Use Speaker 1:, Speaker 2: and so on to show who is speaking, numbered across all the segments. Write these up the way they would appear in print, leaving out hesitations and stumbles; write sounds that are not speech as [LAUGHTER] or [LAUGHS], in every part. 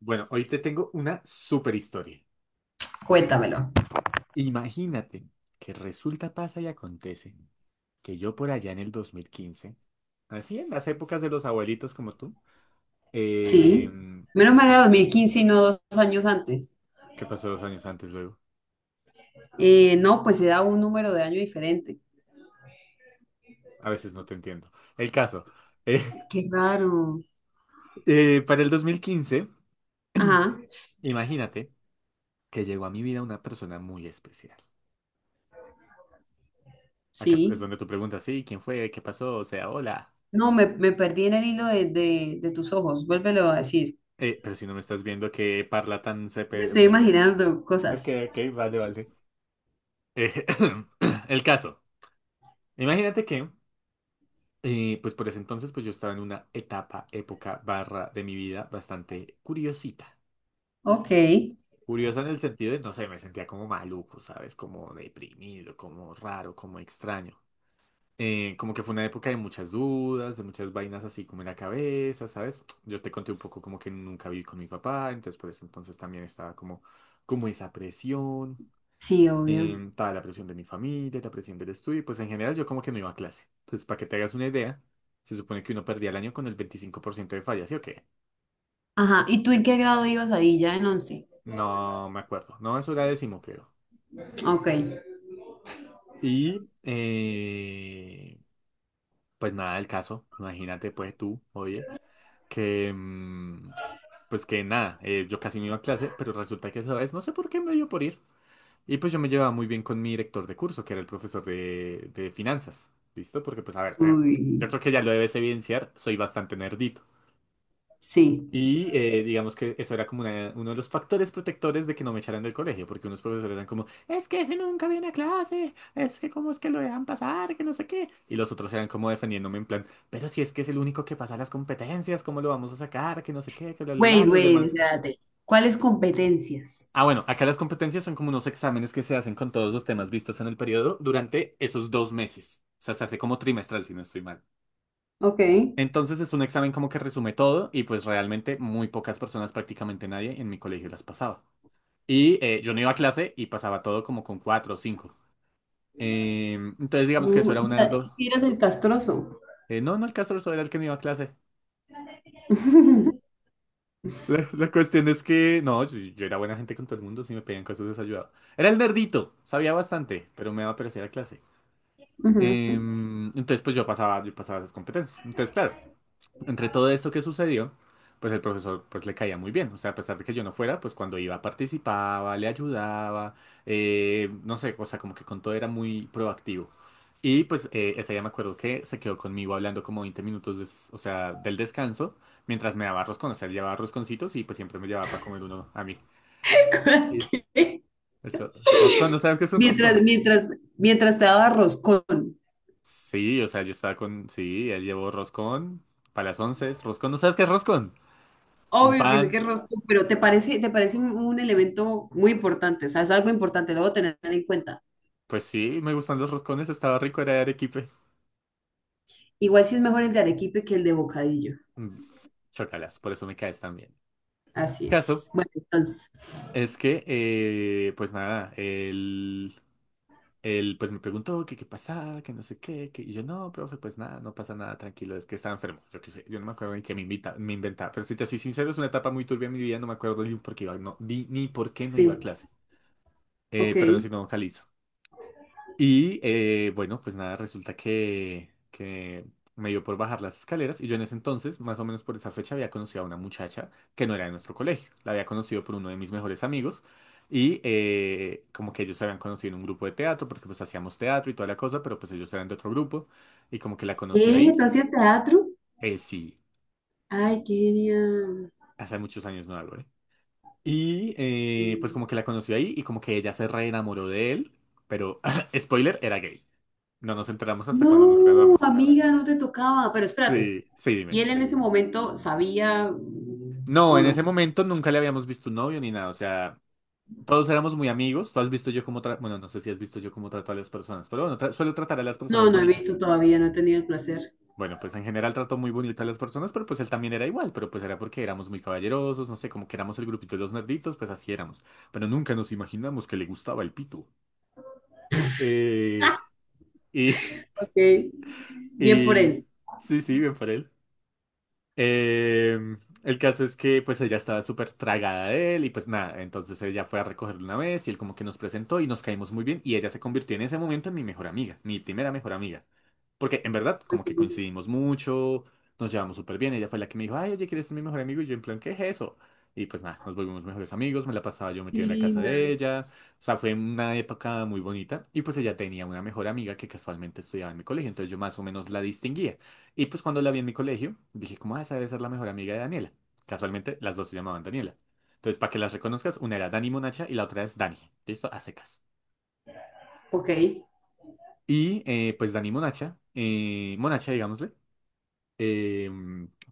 Speaker 1: Bueno, hoy te tengo una super historia.
Speaker 2: Cuéntamelo.
Speaker 1: Imagínate que resulta, pasa y acontece que yo por allá en el 2015, así en las épocas de los abuelitos como tú, eh,
Speaker 2: Sí. Menos mal era 2015 y no dos años antes.
Speaker 1: ¿qué pasó dos años antes luego?
Speaker 2: No, pues se da un número de año diferente.
Speaker 1: A veces no te entiendo. El caso, eh,
Speaker 2: Qué raro.
Speaker 1: [LAUGHS] para el 2015,
Speaker 2: Ajá,
Speaker 1: imagínate que llegó a mi vida una persona muy especial. Acá es
Speaker 2: sí.
Speaker 1: donde tú preguntas, sí, ¿quién fue? ¿Qué pasó? O sea, hola.
Speaker 2: No, me perdí en el hilo de tus ojos. Vuélvelo a decir.
Speaker 1: Pero si no me estás viendo, qué parla tan...
Speaker 2: Me
Speaker 1: sepe-
Speaker 2: estoy imaginando
Speaker 1: Ok,
Speaker 2: cosas.
Speaker 1: ok, vale, vale. Eh, [COUGHS] [CLEARS THROAT] el caso. Imagínate que, pues por ese entonces, pues yo estaba en una etapa, época, barra de mi vida bastante curiosita.
Speaker 2: Ok.
Speaker 1: Curiosa en el sentido de, no sé, me sentía como maluco, ¿sabes? Como deprimido, como raro, como extraño. Como que fue una época de muchas dudas, de muchas vainas así como en la cabeza, ¿sabes? Yo te conté un poco como que nunca viví con mi papá, entonces por eso entonces también estaba como, como esa presión.
Speaker 2: Sí, obvio.
Speaker 1: Estaba la presión de mi familia, la presión del estudio, y pues en general yo como que no iba a clase. Entonces, para que te hagas una idea, se supone que uno perdía el año con el 25% de fallas, ¿sí o qué?
Speaker 2: Ajá. ¿Y tú en qué grado ibas ahí? ¿Ya en once?
Speaker 1: No me acuerdo. No, eso era décimo, creo.
Speaker 2: Ok.
Speaker 1: Y pues nada del caso. Imagínate, pues tú, oye, que pues que nada, yo casi no iba a clase, pero resulta que esa vez, no sé por qué me dio por ir. Y pues yo me llevaba muy bien con mi director de curso, que era el profesor de finanzas. ¿Listo? Porque pues a ver,
Speaker 2: Uy,
Speaker 1: yo creo que ya lo debes evidenciar, soy bastante nerdito.
Speaker 2: sí.
Speaker 1: Y digamos que eso era como una- uno de los factores protectores de que no me echaran del colegio, porque unos profesores eran como, es que ese nunca viene a clase, es que cómo es que lo dejan pasar, que no sé qué. Y los otros eran como defendiéndome en plan, pero si es que es el único que pasa las competencias, ¿cómo lo vamos a sacar? Que no sé qué, que bla, bla, bla,
Speaker 2: Wait,
Speaker 1: los
Speaker 2: wait,
Speaker 1: demás.
Speaker 2: espérate. ¿Cuáles competencias?
Speaker 1: Ah, bueno, acá las competencias son como unos exámenes que se hacen con todos los temas vistos en el periodo durante esos dos meses. O sea, se hace como trimestral, si no estoy mal.
Speaker 2: Ok.
Speaker 1: Entonces es un examen como que resume todo y pues realmente muy pocas personas, prácticamente nadie en mi colegio las pasaba. Y yo no iba a clase y pasaba todo como con cuatro o cinco. Eh, entonces digamos que
Speaker 2: No,
Speaker 1: eso era
Speaker 2: o
Speaker 1: una de
Speaker 2: sea,
Speaker 1: los...
Speaker 2: si eras el castroso.
Speaker 1: no, no, el caso era el que no iba a clase.
Speaker 2: [LAUGHS]
Speaker 1: La cuestión es que, no, yo era buena gente con todo el mundo, si me pedían cosas desayudado. Era el nerdito, sabía bastante, pero me daba pereza ir a clase.
Speaker 2: Ujú.
Speaker 1: Entonces, pues yo pasaba esas competencias. Entonces, claro, entre todo esto que sucedió, pues el profesor pues le caía muy bien. O sea, a pesar de que yo no fuera, pues cuando iba participaba, le ayudaba, no sé, o sea, como que con todo era muy proactivo. Y pues ese día me acuerdo que se quedó conmigo hablando como 20 minutos, des- o sea, del descanso, mientras me daba roscón. O sea, él llevaba rosconcitos y pues siempre me llevaba para comer uno a mí.
Speaker 2: [LAUGHS]
Speaker 1: Sí.
Speaker 2: ¿Qué?
Speaker 1: Eso, roscón, ¿no sabes qué es un
Speaker 2: Mientras,
Speaker 1: roscón?
Speaker 2: mientras, mientras te daba roscón.
Speaker 1: Sí, o sea, yo estaba con... Sí, él llevó roscón para las once. Roscón, ¿no sabes qué es roscón? Un
Speaker 2: Obvio que sé
Speaker 1: pan.
Speaker 2: que es roscón, pero te parece un elemento muy importante, o sea, es algo importante, lo debo tener en cuenta.
Speaker 1: Pues sí, me gustan los roscones, estaba rico, era de arequipe.
Speaker 2: Igual si es mejor el de arequipe que el de bocadillo.
Speaker 1: Mm, chócalas, por eso me caes tan bien.
Speaker 2: Así
Speaker 1: Caso
Speaker 2: es. Bueno, entonces,
Speaker 1: es que, pues nada, él pues me preguntó que qué pasaba, que no sé qué, que... y yo no, profe, pues nada, no pasa nada, tranquilo, es que estaba enfermo. Yo qué sé, yo no me acuerdo ni que me invita, me inventaba. Pero si te soy sincero, es una etapa muy turbia en mi vida, no me acuerdo ni por qué iba, no, ni por qué no iba a
Speaker 2: sí,
Speaker 1: clase.
Speaker 2: ok.
Speaker 1: Perdón si no, Jalisco. Y bueno, pues nada, resulta que me dio por bajar las escaleras y yo en ese entonces, más o menos por esa fecha, había conocido a una muchacha que no era de nuestro colegio. La había conocido por uno de mis mejores amigos y como que ellos se habían conocido en un grupo de teatro porque pues hacíamos teatro y toda la cosa, pero pues ellos eran de otro grupo y como que la conoció
Speaker 2: ¿Qué?
Speaker 1: ahí.
Speaker 2: ¿Tú hacías teatro?
Speaker 1: Sí,
Speaker 2: Ay, qué genial.
Speaker 1: hace muchos años no hablo, ¿eh? Y pues como que la conoció ahí y como que ella se reenamoró de él, pero [LAUGHS] spoiler, era gay. No nos enteramos hasta cuando nos
Speaker 2: No,
Speaker 1: graduamos.
Speaker 2: amiga, no te tocaba. Pero espérate,
Speaker 1: Sí, sí,
Speaker 2: ¿y
Speaker 1: dime.
Speaker 2: él en ese momento sabía mm,
Speaker 1: No,
Speaker 2: o
Speaker 1: en ese
Speaker 2: no?
Speaker 1: momento nunca le habíamos visto un novio ni nada, o sea, todos éramos muy amigos, tú has visto yo cómo trato, bueno, no sé si has visto yo cómo trato a las personas, pero bueno, tra- suelo tratar a las
Speaker 2: No,
Speaker 1: personas
Speaker 2: no he
Speaker 1: bonito.
Speaker 2: visto todavía, no he tenido el placer.
Speaker 1: Bueno, pues en general trato muy bonito a las personas, pero pues él también era igual, pero pues era porque éramos muy caballerosos, no sé, como que éramos el grupito de los nerditos, pues así éramos, pero nunca nos imaginamos que le gustaba el pito. Eh, y,
Speaker 2: Ok,
Speaker 1: [LAUGHS]
Speaker 2: bien por
Speaker 1: y,
Speaker 2: él.
Speaker 1: sí, sí, bien por él. Eh, el caso es que pues ella estaba súper tragada de él y pues nada, entonces ella fue a recogerlo una vez y él como que nos presentó y nos caímos muy bien y ella se convirtió en ese momento en mi mejor amiga, mi primera mejor amiga. Porque en verdad
Speaker 2: Ay,
Speaker 1: como
Speaker 2: qué
Speaker 1: que
Speaker 2: lindo.
Speaker 1: coincidimos mucho, nos llevamos súper bien, ella fue la que me dijo, ay, oye, ¿quieres ser mi mejor amigo? Y yo en plan, ¿qué es eso? Y pues nada, nos volvimos mejores amigos, me la pasaba yo
Speaker 2: Qué
Speaker 1: metido en la casa
Speaker 2: linda.
Speaker 1: de ella, o sea, fue una época muy bonita y pues ella tenía una mejor amiga que casualmente estudiaba en mi colegio, entonces yo más o menos la distinguía. Y pues cuando la vi en mi colegio, dije, ¿cómo esa debe ser la mejor amiga de Daniela? Casualmente, las dos se llamaban Daniela. Entonces, para que las reconozcas, una era Dani Monacha y la otra es Dani. ¿Listo? A secas.
Speaker 2: Ok, [LAUGHS]
Speaker 1: Y pues Dani Monacha, Monacha, digámosle, eh,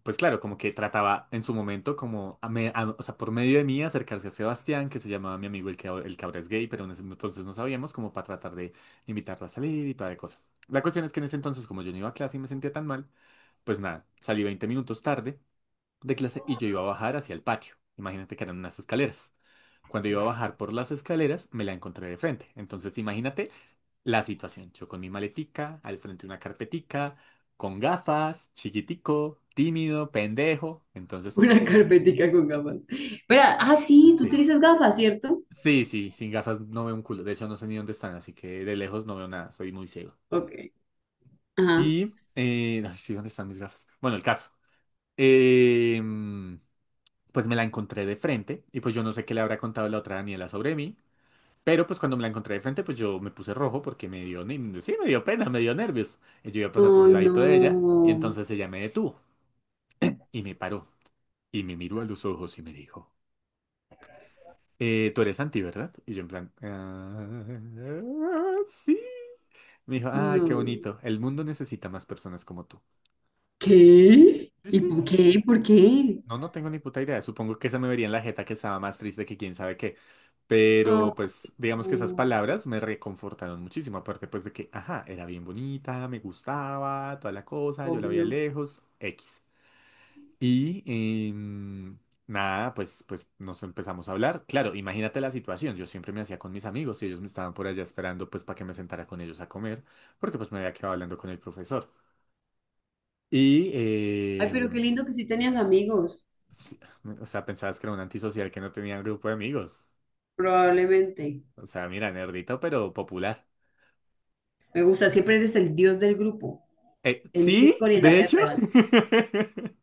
Speaker 1: pues claro, como que trataba en su momento, como, a me- a- o sea, por medio de mí, acercarse a Sebastián, que se llamaba mi amigo el que ahora es gay, pero en ese entonces no sabíamos, como para tratar de invitarla a salir y toda de cosa. La cuestión es que en ese entonces, como yo no iba a clase y me sentía tan mal, pues nada, salí 20 minutos tarde de clase y yo iba a bajar hacia el patio. Imagínate que eran unas escaleras. Cuando iba a bajar por las escaleras, me la encontré de frente. Entonces, imagínate la situación. Yo con mi maletica, al frente una carpetica, con gafas, chiquitico, tímido, pendejo. Entonces,
Speaker 2: una carpetica con gafas. Espera, ah, sí, tú
Speaker 1: sí.
Speaker 2: utilizas gafas, ¿cierto?
Speaker 1: Sí, sí, sin gafas no veo un culo. De hecho, no sé ni dónde están, así que de lejos no veo nada. Soy muy ciego.
Speaker 2: Ok, ajá.
Speaker 1: Y, ay, sí, ¿dónde están mis gafas? Bueno, el caso. Eh, pues me la encontré de frente y pues yo no sé qué le habrá contado la otra Daniela sobre mí, pero pues cuando me la encontré de frente, pues yo me puse rojo porque me dio, ni- sí, me dio pena, me dio nervios. Y yo iba a pasar por
Speaker 2: Ay,
Speaker 1: un ladito de ella y
Speaker 2: no,
Speaker 1: entonces ella me detuvo y me paró y me miró a los ojos y me dijo, tú eres Santi, ¿verdad? Y yo en plan, "Ah, sí." Me dijo, ay, qué
Speaker 2: no.
Speaker 1: bonito, el mundo necesita más personas como tú.
Speaker 2: ¿Qué?
Speaker 1: Sí,
Speaker 2: ¿Y
Speaker 1: sí.
Speaker 2: por qué? ¿Por qué?
Speaker 1: No, no tengo ni puta idea. Supongo que se me vería en la jeta que estaba más triste que quién sabe qué.
Speaker 2: Ah,
Speaker 1: Pero pues digamos que esas
Speaker 2: no,
Speaker 1: palabras me reconfortaron muchísimo. Aparte pues de que, ajá, era bien bonita, me gustaba, toda la cosa, yo la veía
Speaker 2: obvio.
Speaker 1: lejos, X. Y em, nada, pues, pues nos empezamos a hablar. Claro, imagínate la situación. Yo siempre me hacía con mis amigos y ellos me estaban por allá esperando pues para que me sentara con ellos a comer, porque pues me había quedado hablando con el profesor. Y...
Speaker 2: Ay, pero qué
Speaker 1: em,
Speaker 2: lindo que sí tenías amigos,
Speaker 1: sí, o sea, pensabas que era un antisocial que no tenía un grupo de amigos.
Speaker 2: probablemente.
Speaker 1: O sea, mira, nerdito, pero popular.
Speaker 2: Me gusta, siempre eres el dios del grupo, en
Speaker 1: Sí,
Speaker 2: Discord y en la
Speaker 1: de
Speaker 2: vida
Speaker 1: hecho.
Speaker 2: real,
Speaker 1: [LAUGHS]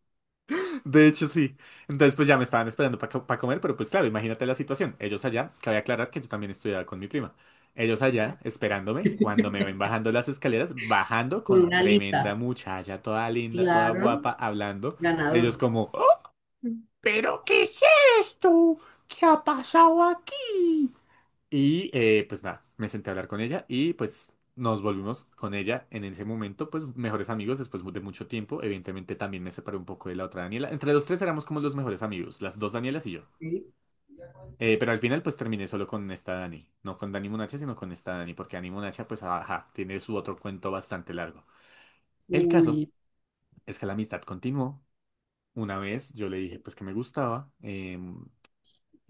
Speaker 1: De hecho, sí. Entonces, pues ya me estaban esperando para comer, pero pues claro, imagínate la situación. Ellos allá, cabe aclarar que yo también estudiaba con mi prima. Ellos allá, esperándome, cuando me ven bajando las escaleras, bajando
Speaker 2: con
Speaker 1: con
Speaker 2: una
Speaker 1: tremenda
Speaker 2: lita.
Speaker 1: muchacha, toda linda, toda guapa,
Speaker 2: Claro.
Speaker 1: hablando. Ellos
Speaker 2: Ganador.
Speaker 1: como, "Oh, ¿pero qué es esto? ¿Qué ha pasado aquí?" Y pues nada, me senté a hablar con ella y pues nos volvimos con ella en ese momento, pues mejores amigos después de mucho tiempo. Evidentemente también me separé un poco de la otra Daniela. Entre los tres éramos como los mejores amigos, las dos Danielas y yo.
Speaker 2: ¿Sí?
Speaker 1: Pero al final pues terminé solo con esta Dani. No con Dani Monacha, sino con esta Dani, porque Dani Monacha pues ajá, tiene su otro cuento bastante largo. El caso
Speaker 2: Uy,
Speaker 1: es que la amistad continuó. Una vez yo le dije pues que me gustaba.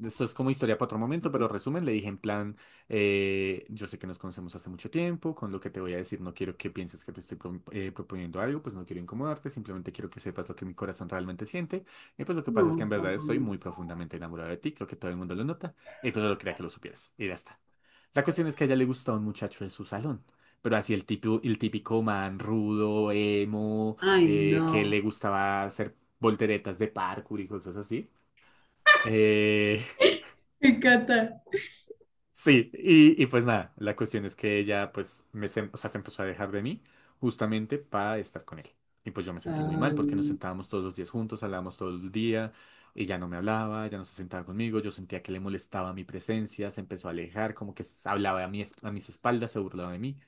Speaker 1: Esto es como historia para otro momento, pero resumen, le dije en plan, yo sé que nos conocemos hace mucho tiempo, con lo que te voy a decir no quiero que pienses que te estoy proponiendo algo, pues no quiero incomodarte, simplemente quiero que sepas lo que mi corazón realmente siente. Y pues lo que pasa es que en
Speaker 2: no,
Speaker 1: verdad
Speaker 2: tan
Speaker 1: estoy muy
Speaker 2: bonito.
Speaker 1: profundamente enamorado de ti, creo que todo el mundo lo nota, y pues solo quería que lo supieras, y ya está. La cuestión es que a ella le gusta un muchacho de su salón, pero así el típico man rudo, emo,
Speaker 2: Ay,
Speaker 1: que
Speaker 2: no.
Speaker 1: le gustaba hacer volteretas de parkour y cosas así. Eh,
Speaker 2: Me encanta.
Speaker 1: Sí, y pues nada, la cuestión es que ella pues o sea, se empezó a dejar de mí justamente para estar con él. Y pues yo me sentí muy mal porque nos
Speaker 2: Ay,
Speaker 1: sentábamos todos los días juntos, hablábamos todo el día, ella no me hablaba, ya no se sentaba conmigo, yo sentía que le molestaba mi presencia, se empezó a alejar, como que hablaba a a mis espaldas, se burlaba de mí.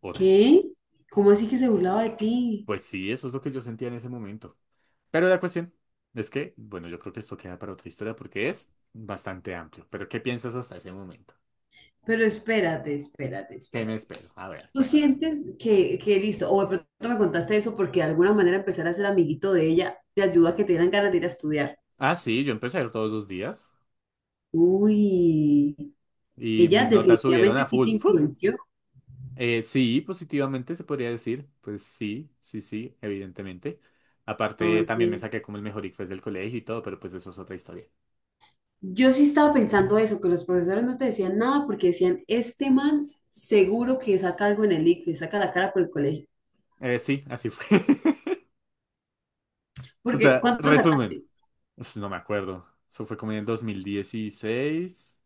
Speaker 1: Horrible.
Speaker 2: ¿qué? ¿Cómo así que se burlaba de ti?
Speaker 1: Pues sí, eso es lo que yo sentía en ese momento. Pero la cuestión es que, bueno, yo creo que esto queda para otra historia porque es bastante amplio. Pero ¿qué piensas hasta ese momento?
Speaker 2: Pero espérate, espérate,
Speaker 1: ¿Qué me
Speaker 2: espérate.
Speaker 1: espero? A ver,
Speaker 2: ¿Tú
Speaker 1: cuenta.
Speaker 2: sientes que listo? O de pronto me contaste eso porque de alguna manera empezar a ser amiguito de ella te ayuda a que te dieran ganas de ir a estudiar.
Speaker 1: Ah, sí, yo empecé a ir todos los días
Speaker 2: Uy,
Speaker 1: y
Speaker 2: ella
Speaker 1: mis notas subieron
Speaker 2: definitivamente
Speaker 1: a
Speaker 2: sí te
Speaker 1: full. ¡Fum!
Speaker 2: influenció.
Speaker 1: Sí, positivamente se podría decir. Pues sí, sí, sí, evidentemente. Aparte,
Speaker 2: Ok.
Speaker 1: también me saqué como el mejor ICFES del colegio y todo, pero pues eso es otra historia.
Speaker 2: Yo sí estaba pensando eso, que los profesores no te decían nada porque decían, este man seguro que saca algo en el ICFES, saca la cara por el colegio.
Speaker 1: Sí, así fue. [LAUGHS] O
Speaker 2: Porque,
Speaker 1: sea,
Speaker 2: ¿cuánto
Speaker 1: resumen.
Speaker 2: sacaste?
Speaker 1: Uf, no me acuerdo. Eso fue como en el 2016,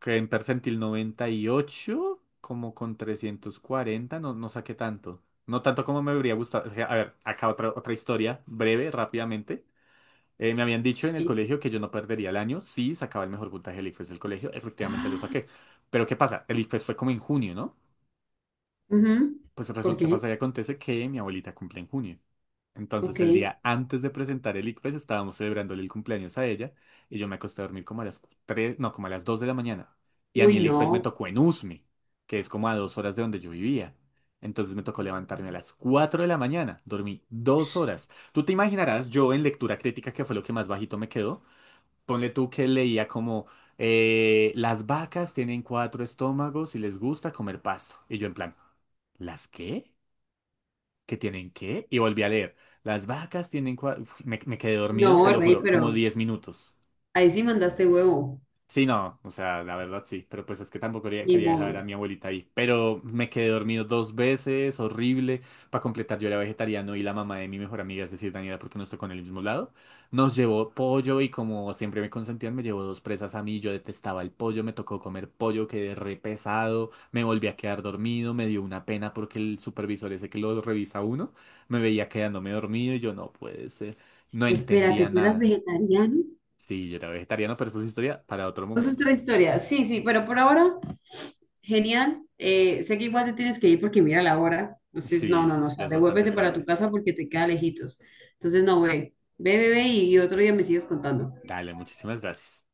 Speaker 1: que en percentil 98, como con 340, no, no saqué tanto. No tanto como me habría gustado. O sea, a ver, acá otra historia, breve, rápidamente. Me habían dicho en el
Speaker 2: Sí.
Speaker 1: colegio que yo no perdería el año si sacaba el mejor puntaje del ICFES del colegio. Efectivamente lo saqué. Pero ¿qué pasa? El ICFES fue como en junio, ¿no?
Speaker 2: Ujú.
Speaker 1: Pues
Speaker 2: ¿Por
Speaker 1: resulta,
Speaker 2: qué?
Speaker 1: pasa y acontece que mi abuelita cumple en junio. Entonces
Speaker 2: Ok.
Speaker 1: el día antes de presentar el ICFES estábamos celebrándole el cumpleaños a ella y yo me acosté a dormir como a las 3 no, como a las 2 de la mañana. Y a
Speaker 2: Uy,
Speaker 1: mí el ICFES me
Speaker 2: no.
Speaker 1: tocó en Usme, que es como a 2 horas de donde yo vivía. Entonces me tocó levantarme a las 4 de la mañana, dormí 2 horas. Tú te imaginarás, yo en lectura crítica, que fue lo que más bajito me quedó, ponle tú que leía como las vacas tienen cuatro estómagos y les gusta comer pasto. Y yo en plan, ¿las qué? ¿Qué tienen qué? Y volví a leer. Las vacas tienen cuatro... Me quedé dormido, te
Speaker 2: No,
Speaker 1: lo
Speaker 2: rey,
Speaker 1: juro, como
Speaker 2: pero
Speaker 1: 10 minutos.
Speaker 2: ahí sí mandaste huevo.
Speaker 1: Sí, no, o sea, la verdad sí, pero pues es que tampoco quería,
Speaker 2: Ni
Speaker 1: quería dejar
Speaker 2: modo.
Speaker 1: a mi abuelita ahí, pero me quedé dormido dos veces, horrible, para completar yo era vegetariano y la mamá de mi mejor amiga, es decir, Daniela, porque nos tocó en el mismo lado, nos llevó pollo y como siempre me consentían, me llevó dos presas a mí, yo detestaba el pollo, me tocó comer pollo, quedé re pesado, me volví a quedar dormido, me dio una pena porque el supervisor ese que lo revisa uno, me veía quedándome dormido y yo no puede ser, no
Speaker 2: Espérate,
Speaker 1: entendía
Speaker 2: ¿tú eras
Speaker 1: nada.
Speaker 2: vegetariano?
Speaker 1: Sí, yo era vegetariano, pero eso es historia para otro
Speaker 2: Eso es otra
Speaker 1: momento.
Speaker 2: historia. Sí, sí, pero por ahora genial. Sé que igual te tienes que ir porque mira la hora. Entonces, no, no,
Speaker 1: Sí,
Speaker 2: no. O
Speaker 1: ya
Speaker 2: sea,
Speaker 1: es bastante
Speaker 2: devuélvete para tu
Speaker 1: tarde.
Speaker 2: casa porque te queda lejitos. Entonces, no, ve. Ve, ve, ve y otro día me sigues contando.
Speaker 1: Dale, muchísimas gracias.